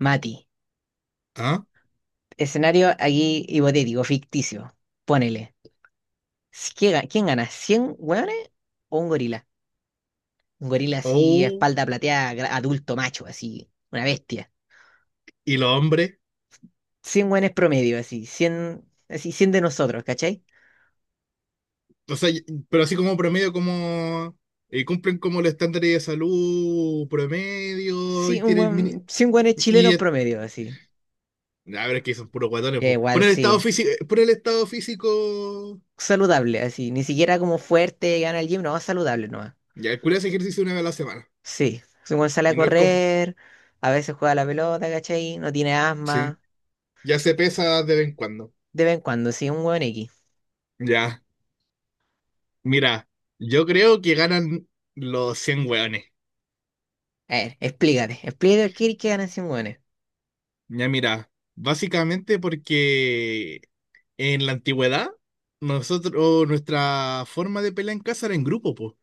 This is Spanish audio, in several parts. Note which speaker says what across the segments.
Speaker 1: Mati,
Speaker 2: Ah,
Speaker 1: escenario aquí hipotético, ficticio. Ponele. ¿Qué, quién gana? ¿Cien hueones o un gorila? Un gorila así,
Speaker 2: oh,
Speaker 1: espalda plateada, adulto macho, así, una bestia.
Speaker 2: y los hombres,
Speaker 1: Cien hueones promedio, así, cien, así, cien de nosotros, ¿cachai?
Speaker 2: o sea, pero así como promedio, como cumplen como los estándares de salud promedio
Speaker 1: Sí,
Speaker 2: y
Speaker 1: un
Speaker 2: tienen mini.
Speaker 1: hueón, 100 hueones
Speaker 2: Y
Speaker 1: chilenos
Speaker 2: es-
Speaker 1: promedio, así.
Speaker 2: a ver, es que son puros guatones,
Speaker 1: Ya
Speaker 2: pues. Por
Speaker 1: igual,
Speaker 2: el estado
Speaker 1: sí.
Speaker 2: físico, por el estado físico,
Speaker 1: Saludable, así. Ni siquiera como fuerte, gana el gym, no, saludable nomás.
Speaker 2: ya el culiao hace ejercicio una vez a la semana.
Speaker 1: Sí. si Un hueón sale a
Speaker 2: Y no es como,
Speaker 1: correr, a veces juega a la pelota, ¿cachai? No tiene
Speaker 2: sí,
Speaker 1: asma.
Speaker 2: ya se pesa de vez en cuando.
Speaker 1: De vez en cuando, sí, un hueón X.
Speaker 2: Ya, mira, yo creo que ganan los 100 hueones.
Speaker 1: A ver, explícate, explícate por qué querés que ganen 100 hueones.
Speaker 2: Ya mira, básicamente porque en la antigüedad, nosotros, nuestra forma de pelear en casa era en grupo, po.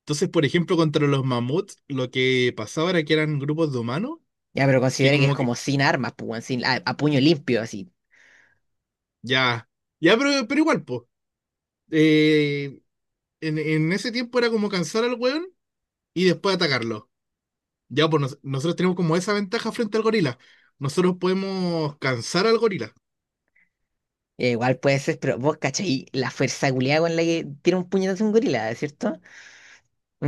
Speaker 2: Entonces, por ejemplo, contra los mamuts, lo que pasaba era que eran grupos de humanos,
Speaker 1: Ya, pero
Speaker 2: que
Speaker 1: considera que es
Speaker 2: como que,
Speaker 1: como sin armas, pues, weón, sin, a puño limpio, así.
Speaker 2: ya, ya, pero, igual, po. Eh, en ese tiempo era como cansar al weón y después atacarlo. Ya, pues nosotros tenemos como esa ventaja frente al gorila. Nosotros podemos cansar al gorila.
Speaker 1: Ya, igual puede ser, pero vos cachai la fuerza culiada con la que tira un puñetazo un gorila, ¿cierto?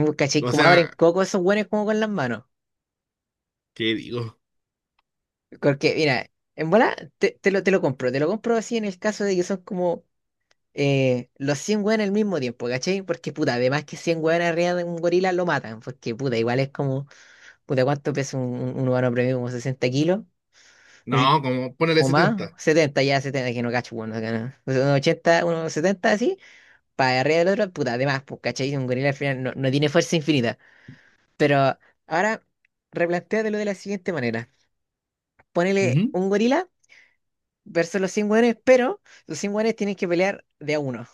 Speaker 1: Vos cachai
Speaker 2: O
Speaker 1: cómo abren
Speaker 2: sea,
Speaker 1: coco esos hueones como con las manos.
Speaker 2: ¿qué digo?
Speaker 1: Porque, mira, en bola te lo compro así en el caso de que son como los 100 hueones al mismo tiempo, ¿cachai? Porque, puta, además que 100 hueones arriba de un gorila lo matan, porque, puta, igual es como, puta, ¿cuánto pesa un humano promedio? Como 60 kilos.
Speaker 2: No, como ponerle
Speaker 1: O más,
Speaker 2: 70.
Speaker 1: 70, ya 70 que no cacho, bueno, acá no. O sea, unos 80, unos 70 así, para arriba del otro, puta, además, pues, ¿cachai? Si Un gorila al final no, no tiene fuerza infinita. Pero ahora, replantéatelo de la siguiente manera. Ponele un gorila versus los 100 hueones, pero los 100 hueones tienen que pelear de a uno.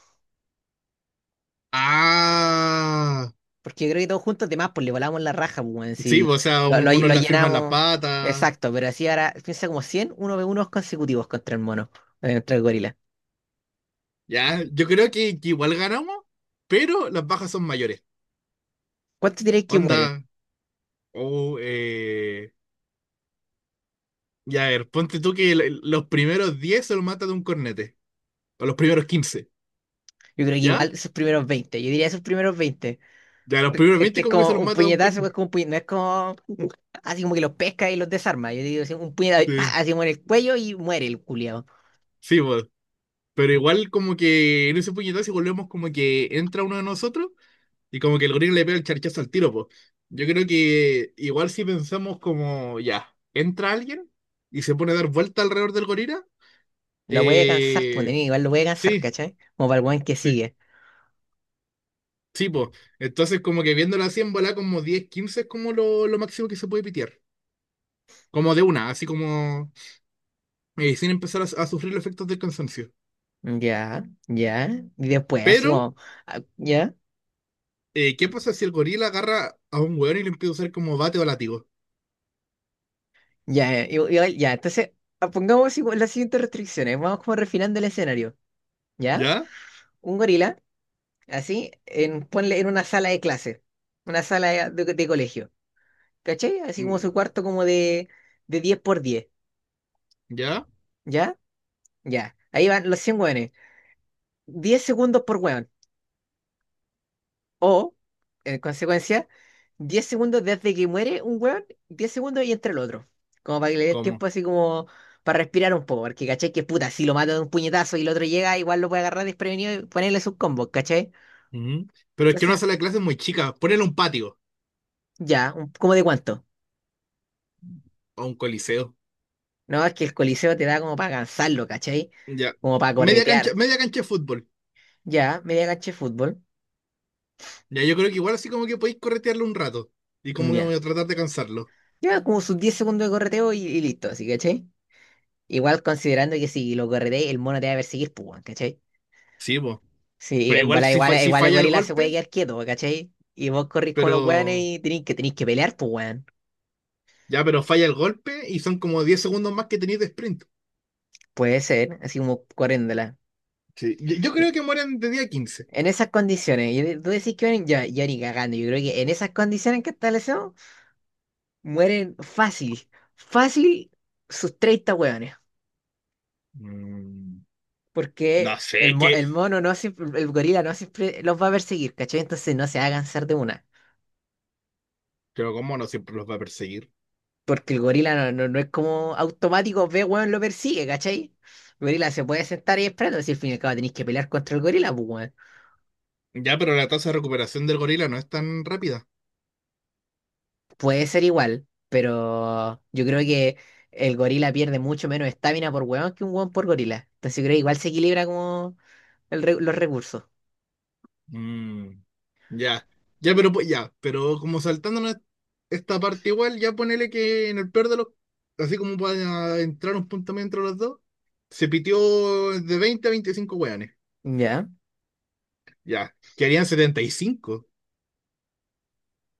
Speaker 2: Ah,
Speaker 1: Porque yo creo que todos juntos, además, pues le volamos la raja, pues, weón,
Speaker 2: sí, pues,
Speaker 1: si
Speaker 2: o sea, uno
Speaker 1: lo
Speaker 2: la firma en la
Speaker 1: llenamos.
Speaker 2: pata.
Speaker 1: Exacto, pero así ahora, piensa como 100 uno ve unos consecutivos contra el mono, contra el gorila.
Speaker 2: Ya, yo creo que igual ganamos, pero las bajas son mayores.
Speaker 1: ¿Cuánto diréis que mueren?
Speaker 2: Onda, o ya, a ver, ponte tú que los primeros 10 se los mata de un cornete, o los primeros 15,
Speaker 1: Yo creo que
Speaker 2: ¿ya?
Speaker 1: igual esos primeros 20, yo diría esos primeros 20.
Speaker 2: Ya, los primeros
Speaker 1: Es que
Speaker 2: 20
Speaker 1: es
Speaker 2: como que se
Speaker 1: como
Speaker 2: los
Speaker 1: un
Speaker 2: mata de un
Speaker 1: puñetazo, es
Speaker 2: cornete.
Speaker 1: como un no es como así como que los pesca y los desarma. Yo digo así, un puñetazo, y ¡pa!
Speaker 2: Sí,
Speaker 1: Así como en el cuello y muere el culiao.
Speaker 2: sí, pues, pero igual como que en ese puñetazo si volvemos como que entra uno de nosotros, y como que el gorila le pega el charchazo al tiro, pues. Yo creo que igual si pensamos como, ya, entra alguien y se pone a dar vuelta alrededor del gorila,
Speaker 1: Lo puede cansar, pues,
Speaker 2: eh,
Speaker 1: nene, igual lo puede cansar,
Speaker 2: sí,
Speaker 1: ¿cachai? Como para el weón que
Speaker 2: sí,
Speaker 1: sigue.
Speaker 2: sí, pues. Entonces como que viéndolo así en bola como 10, 15 es como lo máximo que se puede pitear. Como de una, así como sin empezar a sufrir los efectos del cansancio.
Speaker 1: Ya, ya. Y después, así
Speaker 2: Pero,
Speaker 1: como, ah, ya,
Speaker 2: ¿qué pasa si el gorila agarra a un weón y le empieza a usar como bate o látigo?
Speaker 1: ya, ya. Entonces, ah, pongamos así como las siguientes restricciones. Vamos como refinando el escenario, ¿ya?
Speaker 2: ¿Ya?
Speaker 1: Un gorila, así, en, ponle en una sala de clase, una sala de de colegio. ¿Cachai? Así como
Speaker 2: Mm.
Speaker 1: su cuarto como de 10 por 10.
Speaker 2: ¿Ya?
Speaker 1: ¿Ya? Ya. Ahí van los 100 hueones. 10 segundos por hueón. O, en consecuencia, 10 segundos desde que muere un hueón, 10 segundos y entre el otro. Como para que le dé
Speaker 2: ¿Cómo?
Speaker 1: tiempo así como para respirar un poco. Porque, ¿cachai? Que puta, si lo mata de un puñetazo y el otro llega, igual lo puede agarrar desprevenido y ponerle sus combos, ¿cachai?
Speaker 2: Ujú. Pero es que una
Speaker 1: Entonces,
Speaker 2: sala de clases es muy chica. Ponele un patio
Speaker 1: ya, ¿cómo de cuánto?
Speaker 2: o un coliseo.
Speaker 1: No, es que el coliseo te da como para cansarlo, ¿cachai?
Speaker 2: Ya.
Speaker 1: Como para corretear.
Speaker 2: Media cancha de fútbol.
Speaker 1: Ya, media cancha de fútbol.
Speaker 2: Ya, yo creo que igual así como que podéis corretearlo un rato. Y como que
Speaker 1: Ya.
Speaker 2: voy a tratar de cansarlo.
Speaker 1: Lleva como sus 10 segundos de correteo y listo, ¿sí, cachai? Igual considerando que si lo correteas, el mono te va a perseguir, pues, weón, ¿cachai?
Speaker 2: Sí, pues.
Speaker 1: Sí,
Speaker 2: Pero
Speaker 1: en
Speaker 2: igual
Speaker 1: bola,
Speaker 2: si,
Speaker 1: igual,
Speaker 2: si
Speaker 1: igual el
Speaker 2: falla el
Speaker 1: gorila se puede
Speaker 2: golpe,
Speaker 1: quedar quieto, pues, ¿cachai? Y vos corrís con los weones
Speaker 2: pero.
Speaker 1: y tenéis que pelear, pues, weón.
Speaker 2: Ya, pero falla el golpe y son como 10 segundos más que tenéis de sprint.
Speaker 1: Puede ser, así como corriéndola.
Speaker 2: Sí. Yo creo que mueren de día quince.
Speaker 1: En esas condiciones, y tú decís que mueren, yo ni cagando, yo creo que en esas condiciones que establecemos, mueren fácil, fácil sus 30 weones.
Speaker 2: Mm, no
Speaker 1: Porque el,
Speaker 2: sé, que.
Speaker 1: el mono no siempre, el gorila no siempre los va a perseguir, ¿cachai? Entonces no se va a cansar de una.
Speaker 2: Pero como no siempre los va a perseguir.
Speaker 1: Porque el gorila no es como automático, ve, weón, lo persigue, ¿cachai? El gorila se puede sentar y esperando, si al fin y al cabo tenéis que pelear contra el gorila, pues, weón.
Speaker 2: Ya, pero la tasa de recuperación del gorila no es tan rápida.
Speaker 1: Puede ser igual, pero yo creo que el gorila pierde mucho menos estamina por weón que un weón por gorila. Entonces yo creo que igual se equilibra como los recursos.
Speaker 2: Mm, ya, ya, pero ya, pero como saltándonos esta parte igual, ya ponele que en el peor de los, así como para entrar un punto medio entre los dos, se pitió de 20 a 25 hueones,
Speaker 1: Ya.
Speaker 2: ya, que harían 75.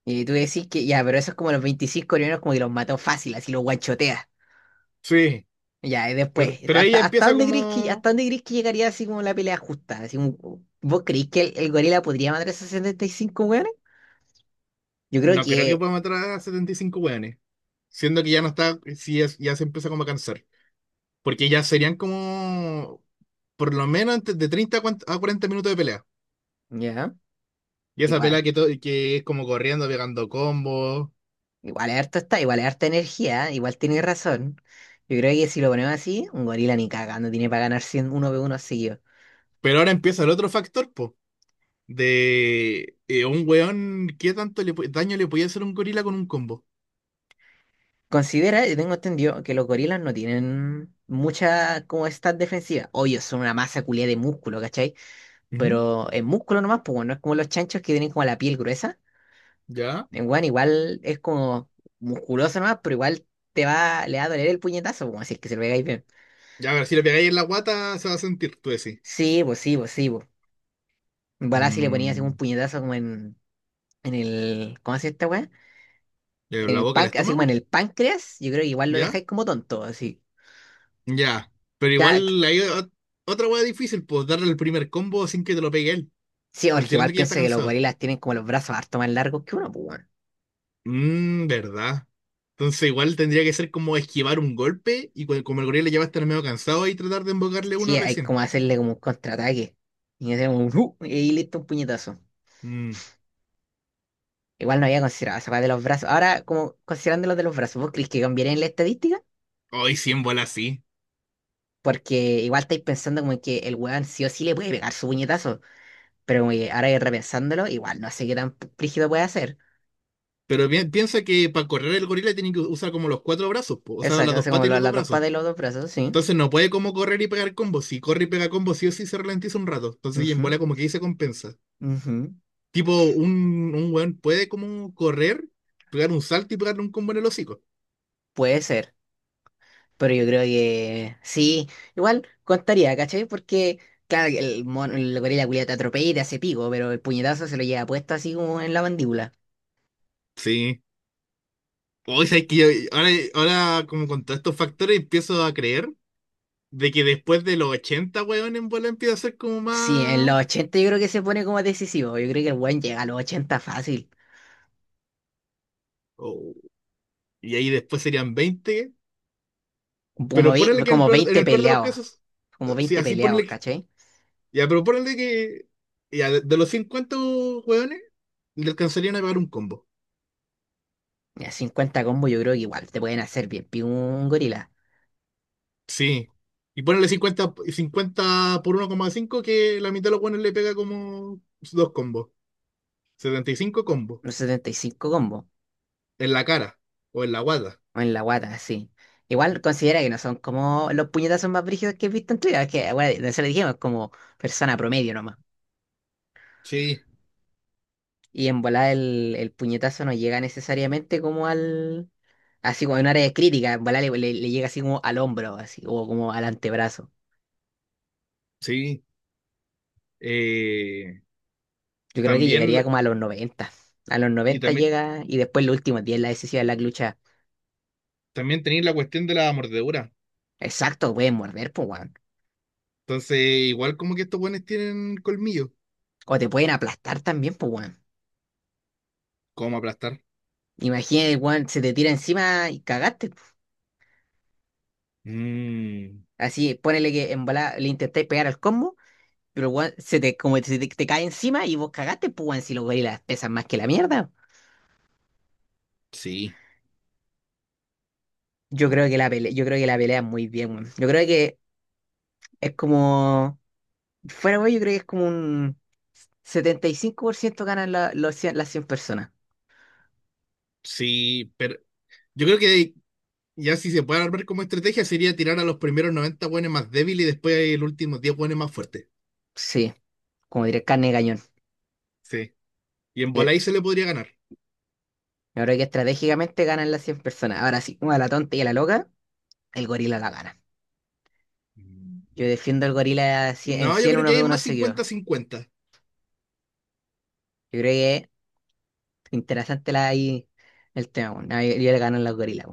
Speaker 1: Y tú decís que ya, pero esos como los 25 coreanos como que los mató fácil, así los guanchotea.
Speaker 2: Sí,
Speaker 1: Ya, y
Speaker 2: pero,
Speaker 1: después,
Speaker 2: ahí ya
Speaker 1: ¿hasta, hasta
Speaker 2: empieza
Speaker 1: dónde crees que,
Speaker 2: como,
Speaker 1: hasta dónde crees que llegaría así como la pelea justa? Así como, ¿vos creís que el gorila podría matar a esos 75 weones? Yo creo
Speaker 2: no creo que
Speaker 1: que,
Speaker 2: pueda matar a 75 hueones, siendo que ya no está, sí, ya se empieza como a cansar, porque ya serían como, por lo menos de 30 a 40 minutos de pelea.
Speaker 1: ya,
Speaker 2: Y esa pelea
Speaker 1: igual,
Speaker 2: que, que es como corriendo, pegando combos.
Speaker 1: igual es harto está, igual es harta energía, igual tiene razón. Yo creo que si lo ponemos así, un gorila ni cagando tiene para ganar 100, uno v uno seguido.
Speaker 2: Pero ahora empieza el otro factor, po. De un weón, ¿qué tanto le daño le podía hacer un gorila con un combo?
Speaker 1: Considera, yo tengo entendido que los gorilas no tienen mucha como stat defensiva. Obvio, son una masa culia de músculo, ¿cachai?
Speaker 2: Ujú.
Speaker 1: Pero en músculo nomás, pues bueno, no es como los chanchos que tienen como la piel gruesa.
Speaker 2: ¿Ya?
Speaker 1: En weón igual es como musculoso nomás, pero igual le va a doler el puñetazo, como así es que se lo pegáis bien.
Speaker 2: Ya, a ver, si le pegáis en la guata, se va a sentir, tú decís.
Speaker 1: Sí, pues. Igual si le ponías así un
Speaker 2: Mm,
Speaker 1: puñetazo como en el, ¿cómo se hace esta weá? En
Speaker 2: ¿La
Speaker 1: el
Speaker 2: boca, el
Speaker 1: pan, así como en
Speaker 2: estómago?
Speaker 1: el páncreas, yo creo que igual lo
Speaker 2: ¿Ya?
Speaker 1: dejáis como tonto, así.
Speaker 2: Ya. Pero
Speaker 1: Ya,
Speaker 2: igual hay otra weá difícil, pues darle el primer combo sin que te lo pegue él,
Speaker 1: sí, porque
Speaker 2: considerando
Speaker 1: igual
Speaker 2: que ya está
Speaker 1: piensa que los
Speaker 2: cansado.
Speaker 1: gorilas tienen como los brazos harto más largos que uno, pues weón.
Speaker 2: ¿Verdad? Entonces igual tendría que ser como esquivar un golpe y como el gorila ya va a estar medio cansado y tratar de embocarle
Speaker 1: Sí,
Speaker 2: uno
Speaker 1: hay
Speaker 2: recién.
Speaker 1: como hacerle como un contraataque. Y hacemos un ¡uh! Y listo un puñetazo.
Speaker 2: Mmm,
Speaker 1: Igual no había considerado esa weá de los brazos. Ahora, como considerando los de los brazos, ¿vos crees que cambiaría en la estadística?
Speaker 2: Hoy sí, en bola sí.
Speaker 1: Porque igual estáis pensando como que el weón sí o sí le puede pegar su puñetazo. Pero como que ahora repensándolo, igual no sé qué tan rígido puede hacer.
Speaker 2: Pero piensa que para correr el gorila tiene que usar como los cuatro brazos, po, o sea,
Speaker 1: Exacto,
Speaker 2: las dos
Speaker 1: hace como
Speaker 2: patas y los dos
Speaker 1: las dos
Speaker 2: brazos.
Speaker 1: patas y los dos brazos, sí.
Speaker 2: Entonces no puede como correr y pegar combos. Si corre y pega combos sí o sí se ralentiza un rato. Entonces y en
Speaker 1: Ujú,
Speaker 2: bola como que ahí se compensa.
Speaker 1: ujú.
Speaker 2: Tipo, un weón puede como correr, pegar un salto y pegarle un combo en el hocico.
Speaker 1: Puede ser. Pero yo creo que sí. Igual contaría, ¿cachai? Porque, claro, que mono, el gorila culiao te atropella y te hace pico, pero el puñetazo se lo lleva puesto así como en la mandíbula.
Speaker 2: Sí. Hoy sabes que ahora, ahora como con todos estos factores empiezo a creer de que después de los 80 weón, en bola empieza a ser como
Speaker 1: Sí, en
Speaker 2: más...
Speaker 1: los 80 yo creo que se pone como decisivo. Yo creo que el weón llega a los 80 fácil.
Speaker 2: Oh, y ahí después serían 20.
Speaker 1: Como,
Speaker 2: Pero ponele que
Speaker 1: como
Speaker 2: en
Speaker 1: 20
Speaker 2: el peor de los
Speaker 1: peleados.
Speaker 2: casos,
Speaker 1: Como
Speaker 2: sí,
Speaker 1: 20
Speaker 2: así
Speaker 1: peleados,
Speaker 2: ponele que...
Speaker 1: ¿cachai?
Speaker 2: Ya, pero ponele que... Ya, de, los 50 weones, le alcanzarían a pagar un combo.
Speaker 1: Ya 50 combos yo creo que igual te pueden hacer bien. Un gorila.
Speaker 2: Sí. Y ponele 50, 50 por 1,5 que la mitad de los weones le pega como dos combos. 75 combos.
Speaker 1: Unos 75 combos.
Speaker 2: En la cara o en la guata.
Speaker 1: O en la guata, sí. Igual considera que no son como los puñetazos más brígidos que he visto en Twitter. Es que, bueno, nosotros dijimos como persona promedio nomás.
Speaker 2: Sí.
Speaker 1: Y en volada el puñetazo no llega necesariamente como al... Así como en un área crítica. En volada le llega así como al hombro, así, o como al antebrazo.
Speaker 2: Sí, eh,
Speaker 1: Yo creo que
Speaker 2: también,
Speaker 1: llegaría como a los 90. A los
Speaker 2: y
Speaker 1: 90
Speaker 2: también,
Speaker 1: llega y después los últimos 10 la decisión de la lucha.
Speaker 2: también tenéis la cuestión de la mordedura.
Speaker 1: Exacto, pueden morder, pues, weón.
Speaker 2: Entonces, igual como que estos buenos tienen colmillo.
Speaker 1: O te pueden aplastar también, pues, weón.
Speaker 2: ¿Cómo aplastar?
Speaker 1: Imagínate, weón, se te tira encima y cagaste. Po.
Speaker 2: Mm,
Speaker 1: Así, ponele que en bola le intentáis pegar al combo, pero weón, se te, como se te, te cae encima y vos cagaste, pues, weón, si los gorilas pesan más que la mierda.
Speaker 2: sí, o-
Speaker 1: Yo creo que la pelea es muy bien, weón. Yo creo que es como. Fuera, weón, yo creo que es como un 75% ganan las 100 personas.
Speaker 2: sí, pero yo creo que ya si se puede armar como estrategia sería tirar a los primeros 90 buenos más débiles y después los últimos 10 buenos más fuertes.
Speaker 1: Sí. Como diré, carne de cañón.
Speaker 2: Sí, y en
Speaker 1: Eh,
Speaker 2: bola ahí se le podría ganar.
Speaker 1: Yo que estratégicamente ganan las 100 personas. Ahora sí, como a la tonta y a la loca, el gorila la gana.
Speaker 2: Mm.
Speaker 1: Yo defiendo al gorila así- en
Speaker 2: No, yo
Speaker 1: 100
Speaker 2: creo
Speaker 1: uno
Speaker 2: que ahí
Speaker 1: ve
Speaker 2: es
Speaker 1: uno
Speaker 2: más
Speaker 1: seguido.
Speaker 2: 50-50.
Speaker 1: Yo creo que es interesante ahí el tema, bueno. Yo le gano a los gorilas,